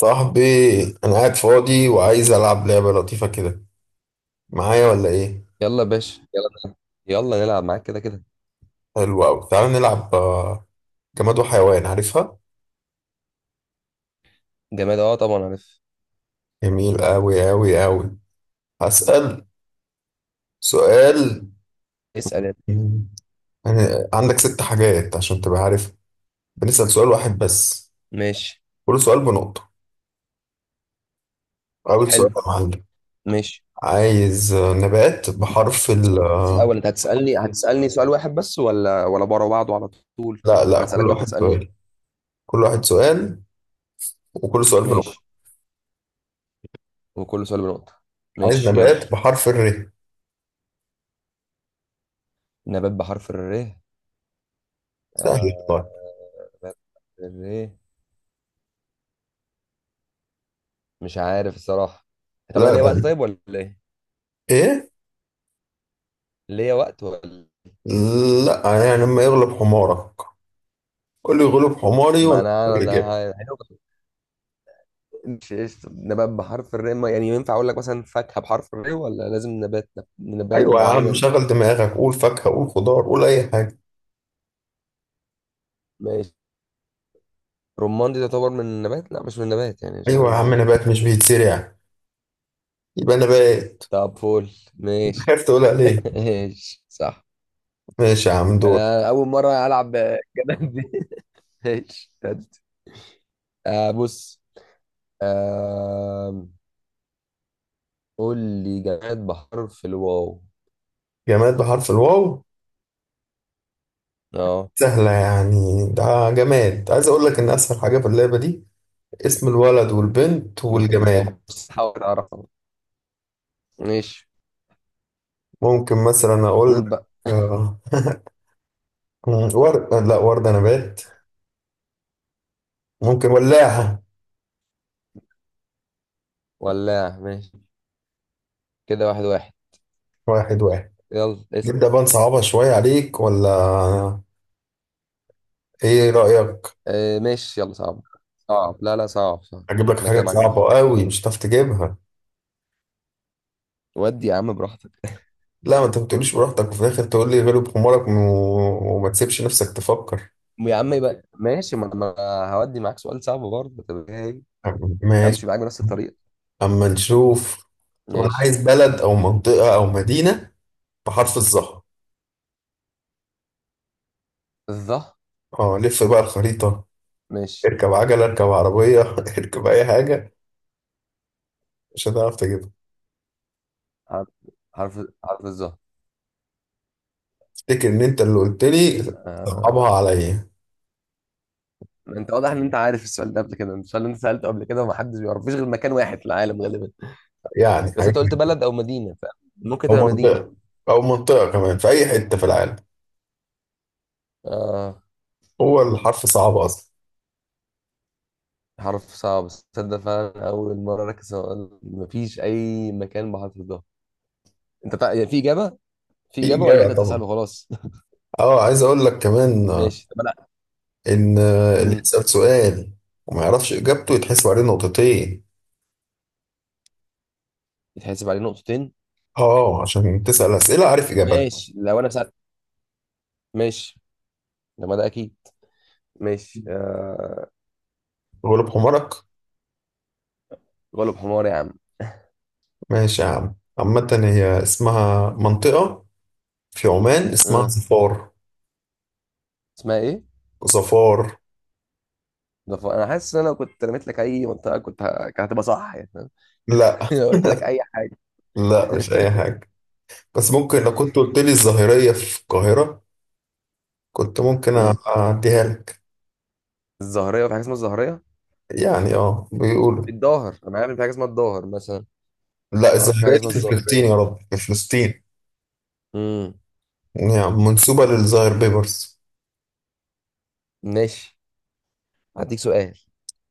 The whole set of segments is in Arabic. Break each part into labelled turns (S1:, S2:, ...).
S1: صاحبي، انا قاعد فاضي وعايز العب لعبه لطيفه كده، معايا ولا ايه؟
S2: يلا يا باشا، يلا نلعب. يلا نلعب معاك كده كده.
S1: حلو قوي، تعال نلعب جماد وحيوان، عارفها؟
S2: جماد، اه طبعا عارف.
S1: جميل قوي قوي قوي. هسأل سؤال.
S2: اسأل يلا.
S1: مم. يعني عندك ست حاجات عشان تبقى عارف. بنسأل سؤال واحد بس.
S2: ماشي.
S1: كل سؤال بنقطه. اول سؤال
S2: حلو.
S1: يا معلم.
S2: ماشي.
S1: عايز نبات بحرف ال
S2: بس الأول أنت هتسألني سؤال واحد بس، ولا بره بعضه على طول؟
S1: لا لا،
S2: أنا أسألك
S1: كل
S2: وأنت
S1: واحد
S2: تسألني.
S1: سؤال. كل واحد سؤال، وكل سؤال بنقطه.
S2: ماشي، وكل سؤال بنقطة.
S1: عايز
S2: ماشي يلا.
S1: نبات بحرف الر.
S2: نبات بحرف الر.
S1: سهل والله.
S2: آه... نبات بحرف الر، مش عارف الصراحة. طب أنا
S1: لا،
S2: ليا وقت
S1: ده
S2: طيب ولا إيه؟
S1: ايه؟
S2: ليا وقت ولا؟
S1: لا، يعني لما يغلب حمارك قول لي يغلب حماري
S2: ما
S1: وانا
S2: أنا
S1: أقول لك الإجابة.
S2: أنا مش قشطة. نبات بحرف الراء، يعني ينفع أقول لك مثلا فاكهة بحرف الراء، ولا لازم نبات، نبات
S1: أيوة يا عم،
S2: معين؟
S1: شغل دماغك، قول فاكهة، قول خضار، قول أي حاجة.
S2: ماشي. رمان دي تعتبر من النبات؟ لا مش من النبات، يعني مش عارف
S1: أيوة يا عم،
S2: ازاي.
S1: نبات مش بيتزرع يبقى نبات.
S2: طب فول ماشي.
S1: خايف تقولها ليه؟
S2: ماشي صح.
S1: ماشي يا عم، دور.
S2: أنا أول مرة ألعب الجدل دي. ماشي آه بص. آه. قول لي جماد بحرف الواو.
S1: جماد بحرف الواو.
S2: اه.
S1: سهلة يعني ده. جماد، عايز أقول لك إن أسهل حاجة في اللعبة دي اسم الولد والبنت والجماد.
S2: طب بص، حاول أعرفها. ماشي.
S1: ممكن مثلا أقول
S2: قول
S1: لك
S2: بقى.
S1: آه، ورد، لا وردة نبات. ممكن ولاعة.
S2: ولا، ماشي. كده واحد واحد.
S1: واحد واحد.
S2: يلا اسأل.
S1: نبدأ بقى نصعبها شوية عليك، ولا إيه رأيك؟
S2: آه ماشي، يلا صعب. صعب، لا لا، صعب صعب.
S1: أجيب لك
S2: انا كده
S1: حاجات
S2: معاك على
S1: صعبة
S2: خط.
S1: قوي مش هتعرف تجيبها.
S2: ودي يا عم براحتك.
S1: لا، ما أنت ما بتقوليش براحتك وفي الآخر تقول لي غلب حمارك وما تسيبش نفسك تفكر.
S2: يا عم يبقى ماشي، ما انا هودي معاك سؤال صعب برضه، طب ايه.
S1: ماشي،
S2: همشي معاك بنفس الطريقه.
S1: أما نشوف. طب أنا
S2: ماشي.
S1: عايز بلد أو منطقة أو مدينة بحرف الظهر.
S2: الظه.
S1: أه، لف بقى الخريطة.
S2: ماشي.
S1: اركب عجلة، اركب عربية اركب أي حاجة، مش هتعرف تجيبها.
S2: حرف حرف حرف الظه.
S1: افتكر إن أنت اللي قلت لي
S2: آه.
S1: صعبها عليا،
S2: انت واضح ان انت عارف السؤال ده قبل كده، السؤال اللي انت سالته قبل كده ومحدش بيعرف فيش غير مكان واحد في العالم غالبا.
S1: يعني
S2: بس انت قلت
S1: حاجة.
S2: بلد او مدينه، فممكن
S1: أو
S2: تبقى مدينه.
S1: منطقة، أو منطقة كمان في أي حتة في العالم.
S2: آه.
S1: هو الحرف صعب أصلا.
S2: حرف صعب. تصدق فعلا اول مره ركز، مفيش اي مكان بحرف الظه. انت يعني في اجابه، في
S1: في
S2: اجابه ولا انت
S1: إجابة
S2: تسال
S1: طبعا.
S2: وخلاص؟
S1: أه، عايز أقول لك كمان
S2: ماشي طب انا.
S1: إن اللي
S2: امم
S1: يسأل سؤال وما يعرفش إجابته يتحسب عليه نقطتين.
S2: يتحسب عليه نقطتين.
S1: أه، عشان تسأل أسئلة عارف إجابتها.
S2: ماشي لو انا سالت. ماشي. لما ده اكيد. ماشي
S1: غلب حمارك.
S2: غلب حمار يا عم.
S1: ماشي يا عم، عامة هي اسمها منطقة في عمان، اسمها
S2: آه.
S1: ظفار.
S2: اسمها ايه؟
S1: ظفار.
S2: انا حاسس ان انا كنت رميت لك اي منطقه كنت كانت هتبقى صح، يعني فاهم؟
S1: لا
S2: لو قلت لك اي حاجه.
S1: لا، مش أي حاجة، بس ممكن لو كنت قلت لي الظاهرية في القاهرة كنت ممكن
S2: امم
S1: أعديها لك.
S2: الظهريه، في حاجه اسمها الظهريه؟
S1: يعني اه بيقولوا.
S2: الظاهر، انا عارف إن في حاجه اسمها الظاهر مثلا.
S1: لا،
S2: ما اعرفش، في حاجه
S1: الظاهرية دي
S2: اسمها
S1: في فلسطين، يا
S2: الظهريه.
S1: رب في فلسطين.
S2: امم
S1: يعني منسوبة للظاهر بيبرس.
S2: ماشي. هديك سؤال.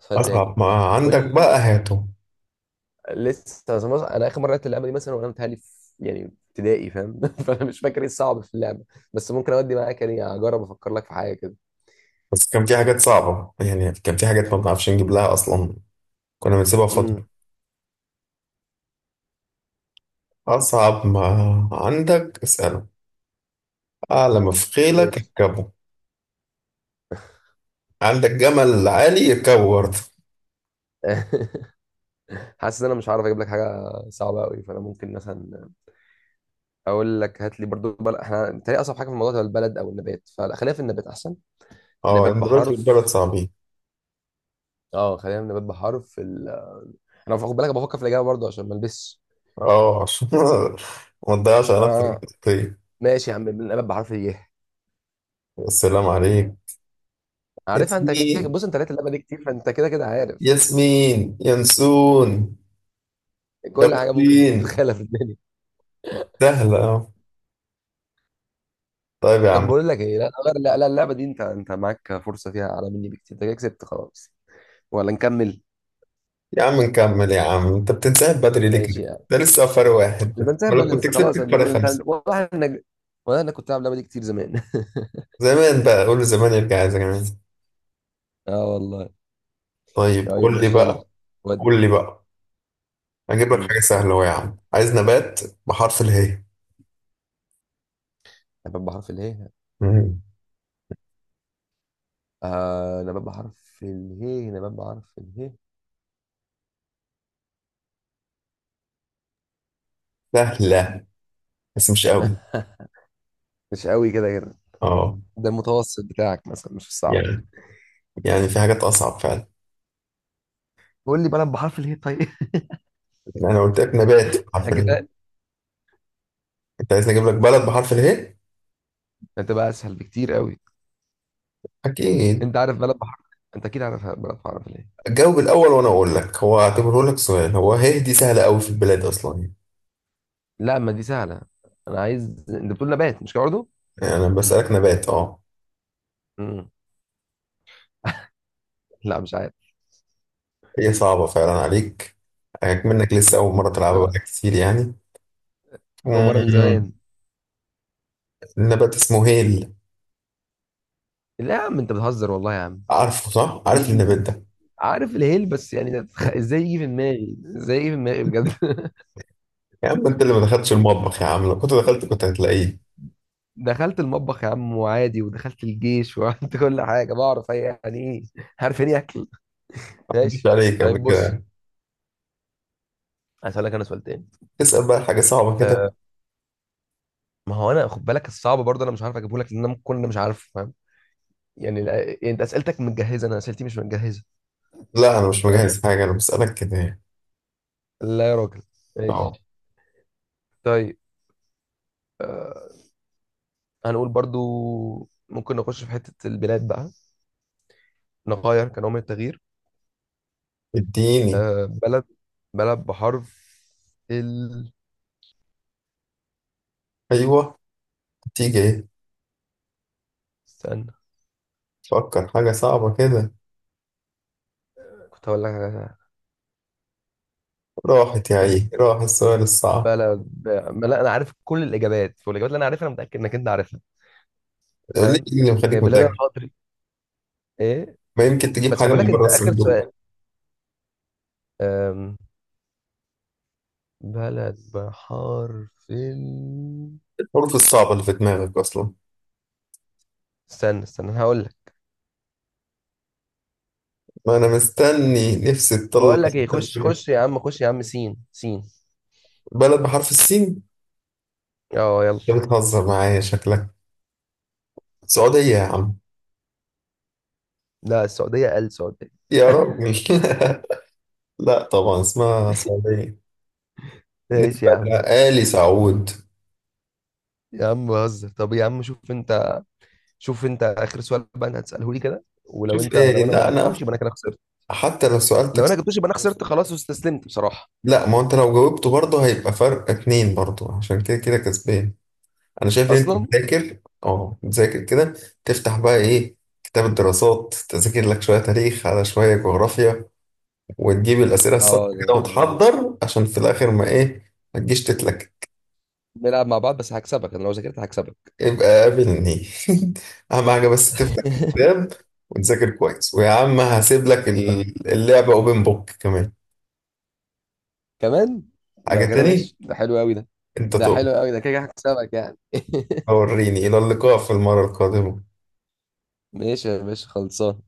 S2: سؤال تاني.
S1: أصعب ما
S2: قول
S1: عندك
S2: لي.
S1: بقى هاته.
S2: لسه زي ما انا اخر مره لعبت اللعبه دي مثلا وانا متهيألي في، يعني ابتدائي، فاهم؟ فانا مش فاكر ايه الصعب في اللعبه. بس ممكن اودي معاك، يعني اجرب افكر لك في حاجه كده.
S1: بس كان في حاجات صعبة، يعني كان في حاجات ما بنعرفش نجيب لها أصلا، كنا بنسيبها فترة.
S2: امم
S1: أصعب ما عندك اسأله. أعلى ما في خيلك
S2: ماشي.
S1: اركبه. عندك جمل عالي يركبه برضه.
S2: حاسس ان انا مش هعرف اجيب لك حاجه صعبه قوي، فانا ممكن مثلا اقول لك هات لي برضو احنا بتهيألي اصعب حاجه في الموضوع ده البلد او النبات، فخلينا في النبات احسن.
S1: اه،
S2: نبات
S1: دلوقتي البلد
S2: بحرف،
S1: صعبين.
S2: اه خلينا في النبات بحرف انا خد بالك بفكر في الاجابه برضو عشان ما البسش.
S1: اه، عشان ما تضيعش على نفسك،
S2: اه.
S1: طيب.
S2: ماشي يا عم، النبات بحرف ايه؟
S1: السلام عليك،
S2: عارفها انت،
S1: اسمي
S2: بص انت لقيت اللعبه دي كتير، فانت كده كده عارف
S1: ياسمين ينسون
S2: كل حاجه ممكن
S1: يقين.
S2: تتخيلها في الدنيا.
S1: سهلة أهو. طيب يا
S2: طب
S1: عم،
S2: بقول لك ايه، لا غير، لا لا اللعبه دي انت معاك فرصه فيها اعلى مني بكتير، انت كده كسبت خلاص. ولا نكمل؟
S1: يا عم نكمل، يا عم انت بتنسحب بدري ليه
S2: ماشي
S1: كده؟
S2: يعني.
S1: ده لسه فرق واحد
S2: مش
S1: بس،
S2: بنسحب
S1: ولا
S2: بدل
S1: كنت
S2: بس خلاص
S1: كسبتك فرق
S2: الموضوع، انت
S1: خمسة.
S2: والله انا، والله انا كنت العب اللعبه دي كتير زمان.
S1: زمان بقى، قول له زمان يرجع يا زمان.
S2: اه والله.
S1: طيب
S2: طيب
S1: قول لي
S2: ماشي يلا.
S1: بقى.
S2: ود.
S1: قول لي بقى، هجيب لك
S2: مم.
S1: حاجة سهلة أهو. يا عم عايز نبات بحرف اله.
S2: نبات بحرف اله.
S1: مم.
S2: آه، نبات بحرف اله، نبات بحرف اله.
S1: سهلة بس مش قوي.
S2: مش قوي كده كده.
S1: اه،
S2: ده المتوسط بتاعك مثلا مش الصعب.
S1: يعني يعني في حاجات أصعب فعلا.
S2: قول لي بلد بحرف اله طيب.
S1: أنا قلت لك نبات بحرف اله.
S2: اجبال.
S1: انت عايز نجيب لك بلد بحرف اله؟
S2: هتبقى اسهل بكتير قوي.
S1: أكيد.
S2: انت عارف بلد بحر، انت اكيد عارف بلد بحر في، ليه؟
S1: جاوب الأول وأنا أقول لك، هو اعتبره لك سؤال، هو هي دي سهلة أوي في البلاد أصلا.
S2: لا ما دي سهله. انا عايز، انت بتقول نبات مش كده برضه.
S1: يعني أنا بسألك نبات، أه.
S2: امم لا مش عارف.
S1: هي صعبة فعلا عليك، عليك منك لسه أول مرة تلعبها
S2: آه،
S1: بقى كتير يعني.
S2: اول مره من
S1: مم.
S2: زمان.
S1: النبات اسمه هيل.
S2: لا يا عم انت بتهزر والله يا عم.
S1: عارفه صح؟
S2: ودي
S1: عارف
S2: دي.
S1: النبات ده؟
S2: عارف الهيل بس، يعني ده ازاي يجي في دماغي، ازاي يجي في دماغي بجد.
S1: يا عم أنت اللي ما دخلتش المطبخ يا عم، لو كنت دخلت كنت هتلاقيه.
S2: دخلت المطبخ يا عم وعادي، ودخلت الجيش وعملت كل حاجه، بعرف يعني ايه. عارف يعني إيه اكل.
S1: ما عدتش
S2: ماشي.
S1: عليك قبل
S2: طيب بص،
S1: كده.
S2: هسألك انا سؤال تاني.
S1: تسأل بقى حاجة صعبة كده.
S2: أه. ما هو انا خد بالك الصعب برضه انا مش عارف اجيبه لك، لان انا ممكن انا مش عارف. يعني يعني انت اسئلتك متجهزه، انا اسئلتي مش متجهزه.
S1: لا أنا مش
S2: فاهم؟
S1: مجهز حاجة، أنا بسألك كده يعني.
S2: لا يا راجل.
S1: أه.
S2: ماشي. طيب. آه، هنقول برضو، ممكن نخش في حته البلاد بقى، نغير كنوع من التغيير.
S1: اديني.
S2: آه، بلد بلد بحرف ال.
S1: أيوه، تيجي إيه؟
S2: استنى.
S1: تفكر حاجة صعبة كده.
S2: كنت هقول لك
S1: راحت يا
S2: على-
S1: عيني، راح السؤال الصعب.
S2: بلد ما لا، انا عارف كل الاجابات، والاجابات اللي انا عارفها انا متاكد انك انت عارفها.
S1: ليه؟
S2: فاهم؟
S1: إيه اللي
S2: هي
S1: مخليك
S2: بلاد
S1: متأكد؟
S2: الحضري. ايه.
S1: ما يمكن تجيب
S2: بس خد
S1: حاجة من
S2: بالك
S1: بره
S2: انت اخر
S1: الصندوق.
S2: سؤال. أم... بلد بحرف ال.
S1: الحروف الصعبة اللي في دماغك أصلا.
S2: استنى استنى هقول.
S1: ما أنا مستني نفسي تطلع.
S2: بقول لك ايه،
S1: سؤال
S2: خش
S1: كده.
S2: خش يا عم خش يا عم، سين سين.
S1: بلد بحرف السين؟
S2: اه يلا.
S1: أنت بتهزر معايا شكلك. سعودية يا عم.
S2: لا السعودية؟ قال السعودية.
S1: يا راجل لا طبعا اسمها سعودية،
S2: ماشي
S1: نسبة
S2: يا عم.
S1: لآل سعود.
S2: يا عم بهزر. طب يا عم شوف انت، شوف انت اخر سؤال بقى انا هتساله لي كده، ولو
S1: شوف
S2: انت لو
S1: إيه،
S2: انا ما
S1: لا
S2: جبتوش
S1: أنا
S2: يبقى انا كده خسرت.
S1: حتى لو سألتك.
S2: لو انا جبتوش يبقى انا خسرت خلاص، واستسلمت بصراحة.
S1: لا، ما هو أنت لو جاوبته برضه هيبقى فرق اتنين برضه، عشان كده كده كسبان. انا شايف ان انت
S2: اصلا.
S1: بتذاكر، اه بتذاكر كده، تفتح بقى ايه كتاب الدراسات، تذاكر لك شويه تاريخ على شويه جغرافيا، وتجيب الاسئله الصح
S2: اه
S1: كده وتحضر عشان في الاخر ما ايه ما تجيش تتلك.
S2: نلعب مع بعض بس هكسبك، انا لو ذاكرت هكسبك.
S1: يبقى قابلني. اهم حاجه بس تفتح الكتاب وتذاكر كويس، ويا عم هسيب لك
S2: طب
S1: اللعبه اوبن بوك كمان.
S2: كمان.
S1: حاجه
S2: لو كده
S1: تاني
S2: ماشي، ده حلو قوي ده.
S1: انت
S2: ده
S1: تقول.
S2: حلو قوي ده، كده كده هكسبك يعني.
S1: وريني، الى اللقاء في المره القادمه.
S2: ماشي يا باشا، خلصان.